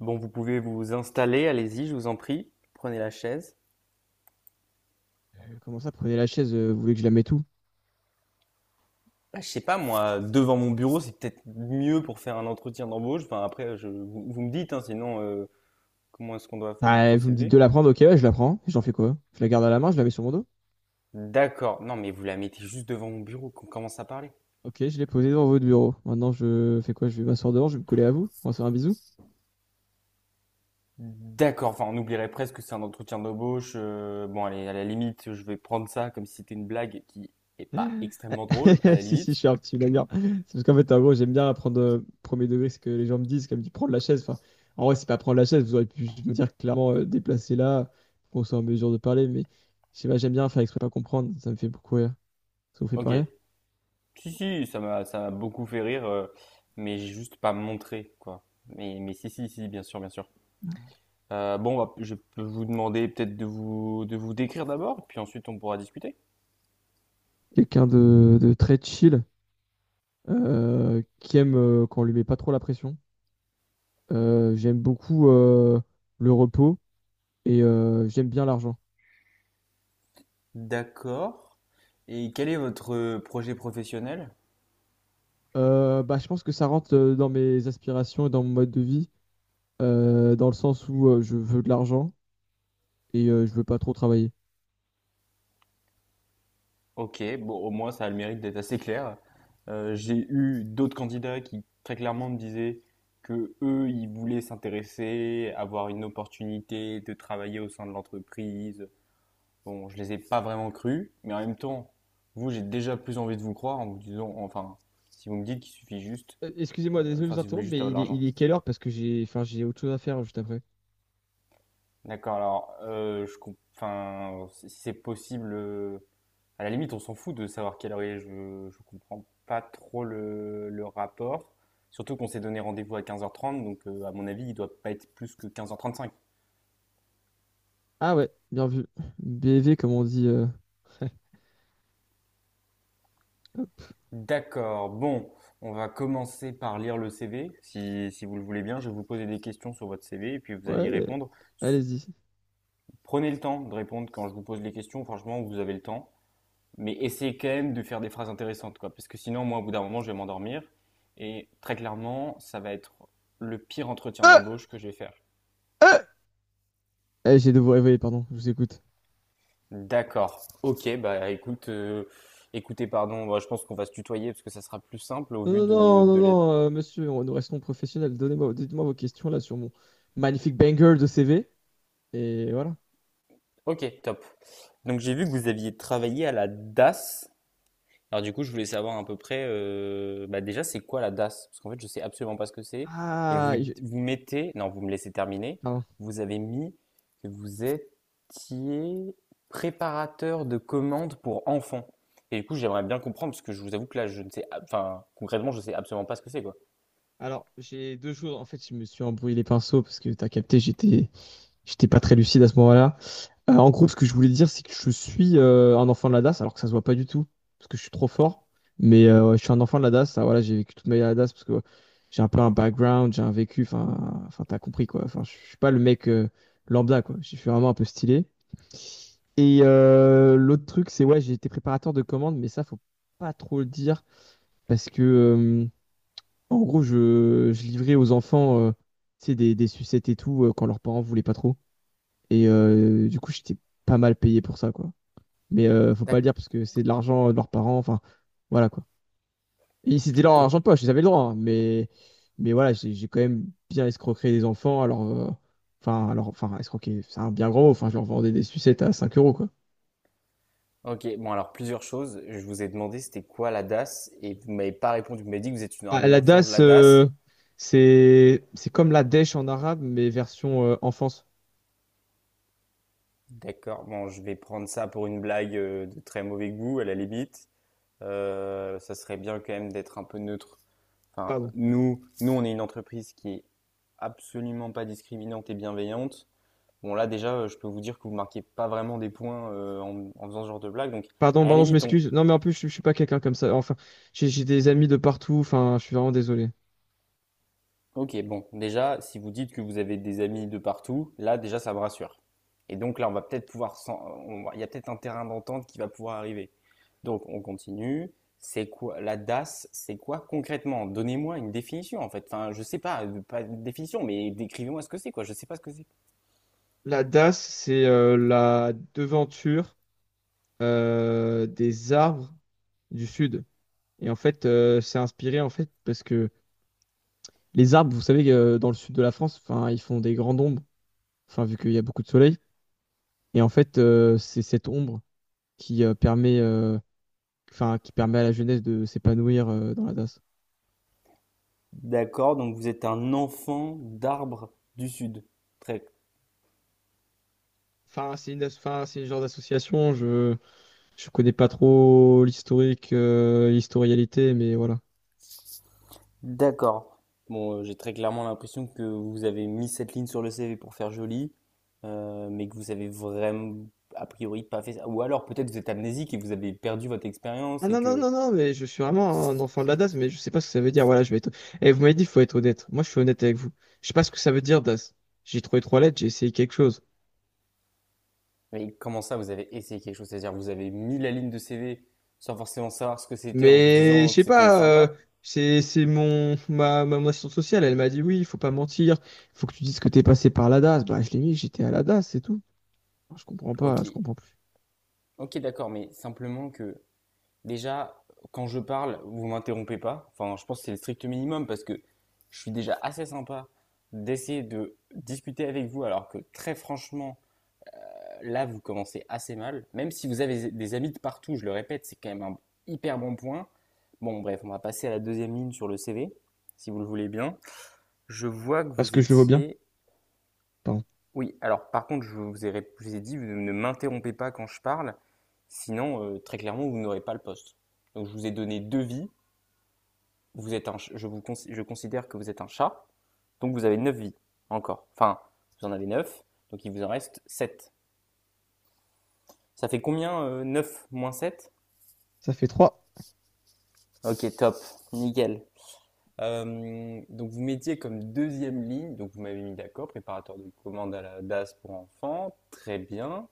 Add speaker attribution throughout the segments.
Speaker 1: Bon, vous pouvez vous installer, allez-y, je vous en prie. Prenez la chaise.
Speaker 2: Comment ça, prenez la chaise, vous voulez que je la mette où?
Speaker 1: Ah, je sais pas, moi, devant mon bureau, c'est peut-être mieux pour faire un entretien d'embauche. Enfin, après, vous me dites, hein, sinon, comment est-ce qu'on doit
Speaker 2: Bah, vous me dites
Speaker 1: procéder?
Speaker 2: de la prendre, ok, ouais, je la prends. J'en fais quoi? Je la garde à la main, je la mets sur mon dos?
Speaker 1: D'accord. Non, mais vous la mettez juste devant mon bureau, qu'on commence à parler.
Speaker 2: Ok, je l'ai posée devant votre bureau. Maintenant, je fais quoi? Je vais m'asseoir devant, je vais me coller à vous. On va se faire un bisou.
Speaker 1: D'accord. Enfin, on oublierait presque que c'est un entretien d'embauche. Bon, allez, à la limite, je vais prendre ça comme si c'était une blague qui est pas extrêmement drôle, à la
Speaker 2: Si, si, je
Speaker 1: limite.
Speaker 2: suis un petit blagueur. C'est parce qu'en fait, en gros, j'aime bien prendre premier degré ce que les gens me disent, comme tu prendre la chaise. Enfin, en vrai, c'est pas prendre la chaise, vous auriez pu juste me dire clairement déplacer là, qu'on soit en mesure de parler, mais je sais pas, j'aime bien faire exprès de pas comprendre, ça me fait beaucoup rire. Ça vous fait pas
Speaker 1: Ok.
Speaker 2: rire?
Speaker 1: Si, si, ça m'a beaucoup fait rire, mais j'ai juste pas montré, quoi. Mais si, si, si, bien sûr, bien sûr. Bon, bah, je peux vous demander peut-être de vous décrire d'abord, puis ensuite on pourra discuter.
Speaker 2: Quelqu'un de très chill. Qui aime quand on lui met pas trop la pression. J'aime beaucoup le repos et j'aime bien l'argent.
Speaker 1: D'accord. Et quel est votre projet professionnel?
Speaker 2: Bah, je pense que ça rentre dans mes aspirations et dans mon mode de vie, dans le sens où je veux de l'argent et je veux pas trop travailler.
Speaker 1: Ok, bon, au moins ça a le mérite d'être assez clair. J'ai eu d'autres candidats qui très clairement me disaient que eux, ils voulaient s'intéresser, avoir une opportunité de travailler au sein de l'entreprise. Bon, je les ai pas vraiment crus, mais en même temps, vous, j'ai déjà plus envie de vous croire en vous disant, enfin, si vous me dites qu'il suffit juste,
Speaker 2: Excusez-moi, désolé de
Speaker 1: enfin,
Speaker 2: vous
Speaker 1: si vous voulez
Speaker 2: interrompre,
Speaker 1: juste
Speaker 2: mais
Speaker 1: avoir de
Speaker 2: il est,
Speaker 1: l'argent.
Speaker 2: il est quelle heure? Parce que j'ai autre chose à faire juste après.
Speaker 1: D'accord, alors, enfin, si c'est possible, à la limite, on s'en fout de savoir quelle heure il est, je comprends pas trop le rapport. Surtout qu'on s'est donné rendez-vous à 15h30, donc à mon avis, il doit pas être plus que 15h35.
Speaker 2: Ah ouais, bien vu. BV, comme on dit.
Speaker 1: D'accord. Bon, on va commencer par lire le CV. Si vous le voulez bien, je vais vous poser des questions sur votre CV et puis vous allez
Speaker 2: Ouais,
Speaker 1: y répondre. S-
Speaker 2: allez-y.
Speaker 1: Prenez le temps de répondre quand je vous pose les questions. Franchement, vous avez le temps. Mais essayez quand même de faire des phrases intéressantes, quoi. Parce que sinon, moi, au bout d'un moment, je vais m'endormir. Et très clairement, ça va être le pire entretien
Speaker 2: Euh,
Speaker 1: d'embauche que je vais faire.
Speaker 2: euh, Eh, j'ai de vous réveiller, pardon, je vous écoute.
Speaker 1: D'accord. Ok, bah écoutez, pardon, bah, je pense qu'on va se tutoyer parce que ça sera plus simple au vu
Speaker 2: Non, non,
Speaker 1: de,
Speaker 2: non, non,
Speaker 1: de la-
Speaker 2: non, monsieur, nous restons professionnels. Donnez-moi, dites-moi vos questions là sur mon magnifique banger de CV. Et voilà.
Speaker 1: Ok, top. Donc j'ai vu que vous aviez travaillé à la DAS. Alors du coup, je voulais savoir à peu près, bah déjà, c'est quoi la DAS? Parce qu'en fait, je sais absolument pas ce que c'est. Et
Speaker 2: Ah,
Speaker 1: vous, vous mettez, non, vous me laissez terminer.
Speaker 2: pardon.
Speaker 1: Vous avez mis que vous étiez préparateur de commandes pour enfants. Et du coup, j'aimerais bien comprendre parce que je vous avoue que là, je ne sais, enfin, concrètement, je sais absolument pas ce que c'est, quoi.
Speaker 2: Alors, j'ai deux choses. En fait, je me suis embrouillé les pinceaux parce que t'as capté, j'étais pas très lucide à ce moment-là. En gros, ce que je voulais dire, c'est que je suis un enfant de la DAS, alors que ça se voit pas du tout, parce que je suis trop fort. Mais ouais, je suis un enfant de la DAS. Ah, voilà, j'ai vécu toute ma vie à la DAS parce que j'ai un peu un background, j'ai un vécu. Enfin, t'as compris quoi. Enfin, je suis pas le mec lambda quoi. Je suis vraiment un peu stylé. Et l'autre truc, c'est ouais, j'ai été préparateur de commandes, mais ça, faut pas trop le dire parce que en gros, je livrais aux enfants, tu sais, des sucettes et tout quand leurs parents voulaient pas trop. Et du coup, j'étais pas mal payé pour ça quoi. Mais faut pas le
Speaker 1: D'ac-
Speaker 2: dire parce que c'est de l'argent de leurs parents. Enfin, voilà quoi. Et c'était leur
Speaker 1: ok.
Speaker 2: argent de poche, ils avaient le droit, hein, mais voilà, j'ai quand même bien escroqué des enfants. Alors, escroquer, c'est un bien grand mot. Enfin, je leur vendais des sucettes à 5 € quoi.
Speaker 1: Ok, bon alors plusieurs choses. Je vous ai demandé c'était quoi la DAS et vous m'avez pas répondu. Vous m'avez dit que vous êtes
Speaker 2: Ah,
Speaker 1: un
Speaker 2: la
Speaker 1: enfant de
Speaker 2: DAS,
Speaker 1: la DAS.
Speaker 2: c'est comme la dèche en arabe, mais version enfance.
Speaker 1: D'accord. Bon, je vais prendre ça pour une blague de très mauvais goût, à la limite. Ça serait bien quand même d'être un peu neutre. Enfin,
Speaker 2: Pardon.
Speaker 1: nous, nous, on est une entreprise qui est absolument pas discriminante et bienveillante. Bon, là, déjà, je peux vous dire que vous marquez pas vraiment des points en faisant ce genre de blague. Donc,
Speaker 2: Pardon,
Speaker 1: à la
Speaker 2: pardon, je
Speaker 1: limite, on,
Speaker 2: m'excuse. Non, mais en plus, je suis pas quelqu'un comme ça. Enfin, j'ai des amis de partout. Enfin, je suis vraiment désolé.
Speaker 1: Ok, bon, déjà, si vous dites que vous avez des amis de partout, là, déjà, ça me rassure. Et donc là, on va peut-être pouvoir, il y a peut-être un terrain d'entente qui va pouvoir arriver. Donc, on continue. C'est quoi la DAS? C'est quoi concrètement? Donnez-moi une définition en fait. Enfin, je sais pas, pas une définition, mais décrivez-moi ce que c'est quoi. Je sais pas ce que c'est.
Speaker 2: La DAS, c'est la devanture. Des arbres du sud. Et en fait, c'est inspiré en fait parce que les arbres, vous savez, dans le sud de la France, enfin, ils font des grandes ombres, enfin, vu qu'il y a beaucoup de soleil. Et en fait, c'est cette ombre qui euh, permet, euh, qui permet à la jeunesse de s'épanouir dans la DAS.
Speaker 1: D'accord, donc vous êtes un enfant d'arbre du Sud. Très
Speaker 2: Enfin, c'est le genre d'association. Je connais pas trop l'historique, l'historialité, mais voilà.
Speaker 1: D'accord. Bon, j'ai très clairement l'impression que vous avez mis cette ligne sur le CV pour faire joli, mais que vous avez vraiment, a priori, pas fait ça. Ou alors peut-être vous êtes amnésique et vous avez perdu votre
Speaker 2: Ah
Speaker 1: expérience et
Speaker 2: non, non,
Speaker 1: que...
Speaker 2: non, non, mais je suis vraiment un enfant de la DAS, mais je sais pas ce que ça veut dire. Voilà, je vais être. Et vous m'avez dit, il faut être honnête. Moi, je suis honnête avec vous. Je sais pas ce que ça veut dire, DAS. J'ai trouvé trois lettres, j'ai essayé quelque chose.
Speaker 1: Mais comment ça, vous avez essayé quelque chose? C'est-à-dire vous avez mis la ligne de CV sans forcément savoir ce que c'était en vous
Speaker 2: Mais je
Speaker 1: disant que
Speaker 2: sais
Speaker 1: c'était
Speaker 2: pas,
Speaker 1: sympa?
Speaker 2: c'est mon assistante sociale, elle m'a dit, oui, il faut pas mentir, faut que tu dises que t'es passé par la DAS. Bah, je l'ai mis, j'étais à la DAS, c'est tout. Je comprends
Speaker 1: Ok,
Speaker 2: pas, je comprends plus.
Speaker 1: ok, d'accord, mais simplement que... Déjà, quand je parle, vous m'interrompez pas. Enfin, je pense que c'est le strict minimum parce que je suis déjà assez sympa d'essayer de discuter avec vous alors que très franchement, là, vous commencez assez mal. Même si vous avez des amis de partout, je le répète, c'est quand même un hyper bon point. Bon, bref, on va passer à la deuxième ligne sur le CV, si vous le voulez bien. Je vois que
Speaker 2: Parce
Speaker 1: vous
Speaker 2: que je le vois bien,
Speaker 1: étiez...
Speaker 2: pardon.
Speaker 1: Oui, alors par contre, je vous ai dit, vous ne m'interrompez pas quand je parle, sinon, très clairement, vous n'aurez pas le poste. Donc, je vous ai donné deux vies. Vous êtes je considère que vous êtes un chat, donc vous avez neuf vies encore. Enfin, vous en avez 9 donc il vous en reste sept. Ça fait combien, 9 moins sept?
Speaker 2: Ça fait trois,
Speaker 1: Ok, top, nickel. Donc vous mettiez comme deuxième ligne, donc vous m'avez mis d'accord, préparateur de commande à la DAS pour enfants, très bien.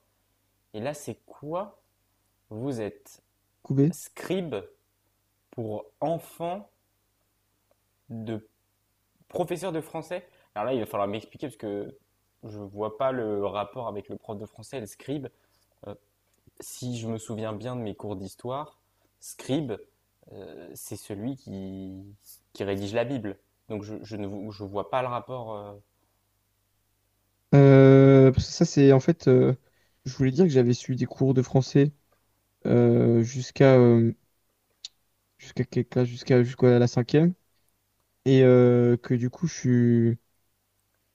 Speaker 1: Et là, c'est quoi? Vous êtes
Speaker 2: coubé.
Speaker 1: scribe pour enfants de Professeur de français? Alors là, il va falloir m'expliquer parce que je vois pas le rapport avec le prof de français, et le scribe. Euh, si je me souviens bien de mes cours d'histoire, scribe, c'est celui qui rédige la Bible. Donc je ne vo- je vois pas le rapport.
Speaker 2: Parce que ça, c'est en fait, je voulais dire que j'avais suivi des cours de français euh, jusqu'à. euh, jusqu'à quelle classe? Jusqu'à la cinquième. Et que du coup,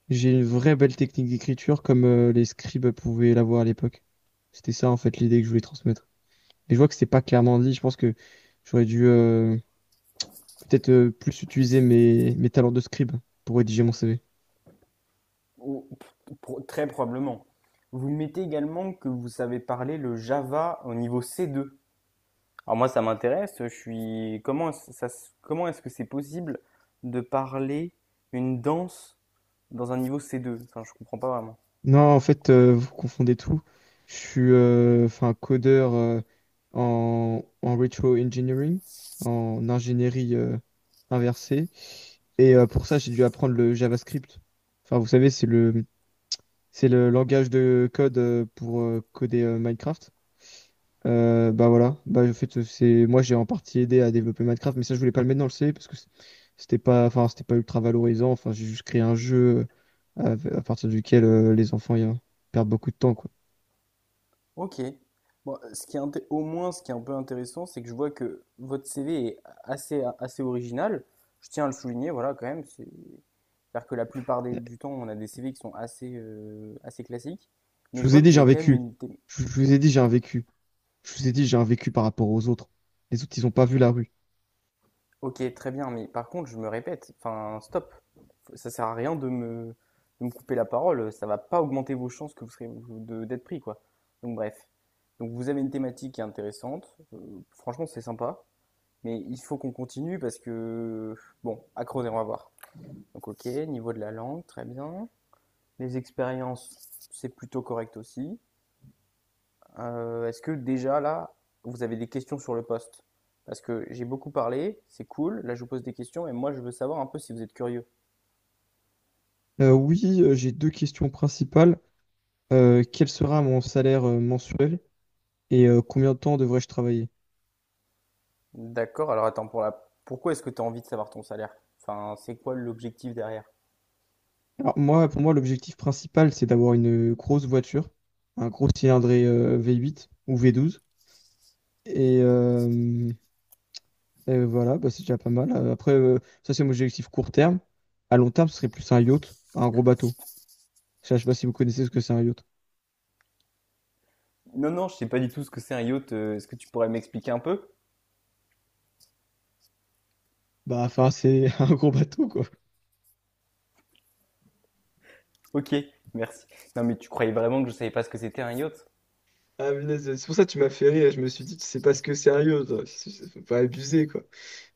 Speaker 2: j'ai une vraie belle technique d'écriture comme les scribes pouvaient l'avoir à l'époque. C'était ça, en fait, l'idée que je voulais transmettre. Et je vois que c'était pas clairement dit. Je pense que j'aurais dû peut-être plus utiliser mes talents de scribe pour rédiger mon CV.
Speaker 1: Ou- Très probablement. Vous mettez également que vous savez parler le Java au niveau C2. Alors moi, ça m'intéresse. Je suis comment est-ce- ça se- comment est-ce que c'est possible de parler une danse dans un niveau c deux. Enfin, je comprends pas vraiment.
Speaker 2: Non, en fait, vous confondez tout. Je suis enfin, codeur en retro engineering, en ingénierie inversée. Et pour ça, j'ai dû apprendre le JavaScript. Enfin, vous savez, c'est le langage de code pour coder Minecraft. Bah voilà, bah en fait c'est moi j'ai en partie aidé à développer Minecraft, mais ça je voulais pas le mettre dans le C parce que c'était pas, enfin c'était pas ultra valorisant. Enfin j'ai juste créé un jeu à partir duquel les enfants y, perdent beaucoup de temps quoi.
Speaker 1: Ok. Bon, ce qui est au moins, ce qui est un peu intéressant, c'est que je vois que votre CV est assez, assez original. Je tiens à le souligner, voilà, quand même. C'est... C'est-à-dire que la plupart du temps, on a des CV qui sont assez, assez classiques. Mais
Speaker 2: Je
Speaker 1: je
Speaker 2: vous ai
Speaker 1: vois que
Speaker 2: dit
Speaker 1: vous
Speaker 2: j'ai un
Speaker 1: avez quand même
Speaker 2: vécu.
Speaker 1: une, thé-
Speaker 2: Je vous ai dit j'ai un vécu. Je vous ai dit j'ai un vécu par rapport aux autres. Les autres ils ont pas vu la rue.
Speaker 1: Ok, très bien, mais par contre, je me répète, enfin, stop. Ça sert à rien de me couper la parole, ça va pas augmenter vos chances que vous serez d'être pris, quoi. Donc bref. Donc vous avez une thématique qui est intéressante, franchement, c'est sympa, mais il faut qu'on continue parce que, bon, à creuser, on va voir. Donc ok, niveau de la langue, très bien. Les expériences, c'est plutôt correct aussi. Est-ce que déjà là, vous avez des questions sur le poste? Parce que j'ai beaucoup parlé, c'est cool, là je vous pose des questions et moi je veux savoir un peu si vous êtes curieux.
Speaker 2: Oui, j'ai deux questions principales. Quel sera mon salaire mensuel et combien de temps devrais-je travailler?
Speaker 1: D'accord, alors attends, pour la... pourquoi est-ce que tu as envie de savoir ton salaire? Enfin, c'est quoi l'objectif derrière?
Speaker 2: Alors moi, pour moi, l'objectif principal, c'est d'avoir une grosse voiture, un gros cylindré V8 ou V12. Et, euh, et voilà, bah, c'est déjà pas mal. Après, ça c'est mon objectif court terme. À long terme, ce serait plus un yacht, un gros bateau. Ça, je sais pas si vous connaissez ce que c'est un yacht.
Speaker 1: Non, non, je sais pas du tout ce que c'est un yacht. Est-ce que tu pourrais m'expliquer un peu?
Speaker 2: Bah, enfin, c'est un gros bateau, quoi.
Speaker 1: Ok, merci. Non, mais tu croyais vraiment que je savais pas ce que c'était un yacht?
Speaker 2: Ah, punaise, c'est pour ça que tu m'as fait rire. Je me suis dit, tu sais pas ce que sérieux, toi. Faut pas abuser, quoi.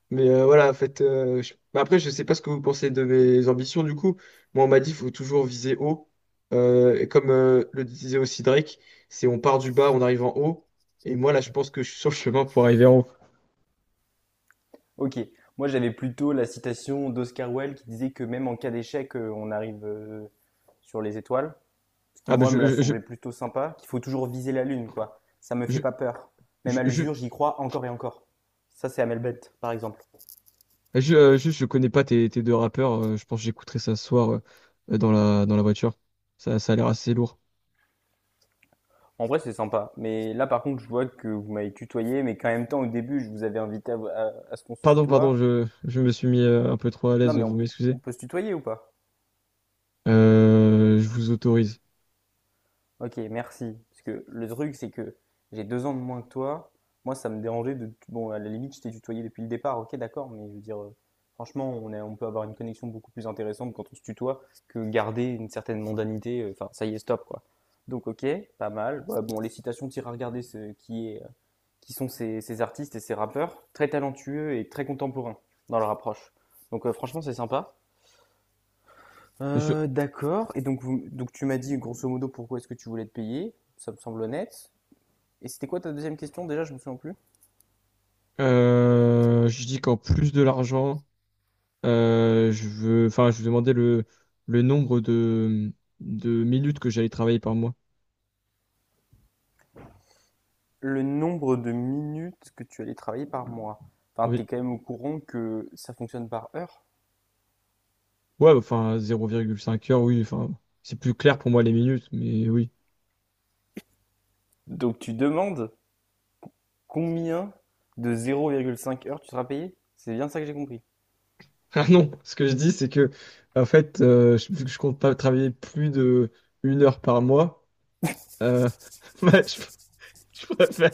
Speaker 2: Mais voilà, en fait, mais après, je sais pas ce que vous pensez de mes ambitions, du coup. Moi, on m'a dit, faut toujours viser haut. Et comme le disait aussi Drake, c'est on part du bas, on arrive en haut. Et moi, là, je pense que je suis sur le chemin pour arriver en haut.
Speaker 1: Ok. Moi, j'avais plutôt la citation d'Oscar Wilde qui disait que même en cas d'échec, on arrive sur les étoiles. Ce qui
Speaker 2: Ah bah
Speaker 1: moi me l'a semblé plutôt sympa, qu'il faut toujours viser la lune, quoi. Ça me fait
Speaker 2: je
Speaker 1: pas peur. Même
Speaker 2: je
Speaker 1: à
Speaker 2: je,
Speaker 1: l'usure, j'y crois encore et encore. Ça, c'est à Melbet, par exemple.
Speaker 2: juste, je connais pas tes deux rappeurs, je pense que j'écouterai ça ce soir dans la voiture. Ça a l'air assez lourd.
Speaker 1: En vrai, c'est sympa. Mais là, par contre, je vois que vous m'avez tutoyé, mais qu'en même temps, au début, je vous avais invité à, à ce qu'on se
Speaker 2: Pardon, pardon,
Speaker 1: tutoie.
Speaker 2: je me suis mis un peu trop à
Speaker 1: Non,
Speaker 2: l'aise,
Speaker 1: mais
Speaker 2: vous
Speaker 1: on,
Speaker 2: m'excusez.
Speaker 1: on peut se tutoyer ou pas?
Speaker 2: Je vous autorise.
Speaker 1: Ok, merci. Parce que le truc, c'est que j'ai 2 ans de moins que toi. Moi, ça me dérangeait de. Bon, à la limite, je t'ai tutoyé depuis le départ, ok, d'accord, mais je veux dire, franchement, on peut avoir une connexion beaucoup plus intéressante quand on se tutoie que garder une certaine mondanité. Enfin, ça y est, stop, quoi. Donc, ok, pas mal. Ouais, bon, les citations, t'iras regarder ce qui est, qui sont ces artistes et ces rappeurs, très talentueux et très contemporains dans leur approche. Donc, franchement, c'est sympa.
Speaker 2: Monsieur,
Speaker 1: D'accord et donc vous donc tu m'as dit grosso modo pourquoi est-ce que tu voulais te payer, ça me semble honnête et c'était quoi ta deuxième question déjà? Je me souviens plus.
Speaker 2: je dis qu'en plus de l'argent, je veux, enfin, je vous demandais le nombre de minutes que j'allais travailler par mois.
Speaker 1: Le nombre de minutes que tu allais travailler par mois. Enfin, tu
Speaker 2: Oui.
Speaker 1: es quand même au courant que ça fonctionne par heure.
Speaker 2: Ouais, enfin, 0,5 heures, oui, enfin, c'est plus clair pour moi les minutes, mais oui.
Speaker 1: Donc tu demandes combien de 0,5 heures tu seras payé? C'est bien ça que j'ai compris.
Speaker 2: Ah non, ce que je dis, c'est que, en fait, vu que je compte pas travailler plus de 1 heure par mois, euh, bah, je préfère.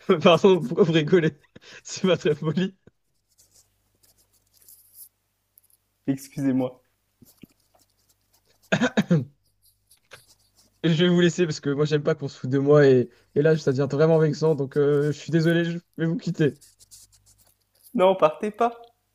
Speaker 2: Pardon, pourquoi vous rigolez? C'est pas très poli.
Speaker 1: Excusez-moi.
Speaker 2: Et je vais vous laisser parce que moi j'aime pas qu'on se foute de moi et là ça devient vraiment vexant donc je suis désolé, je vais vous quitter.
Speaker 1: Non, partez pas.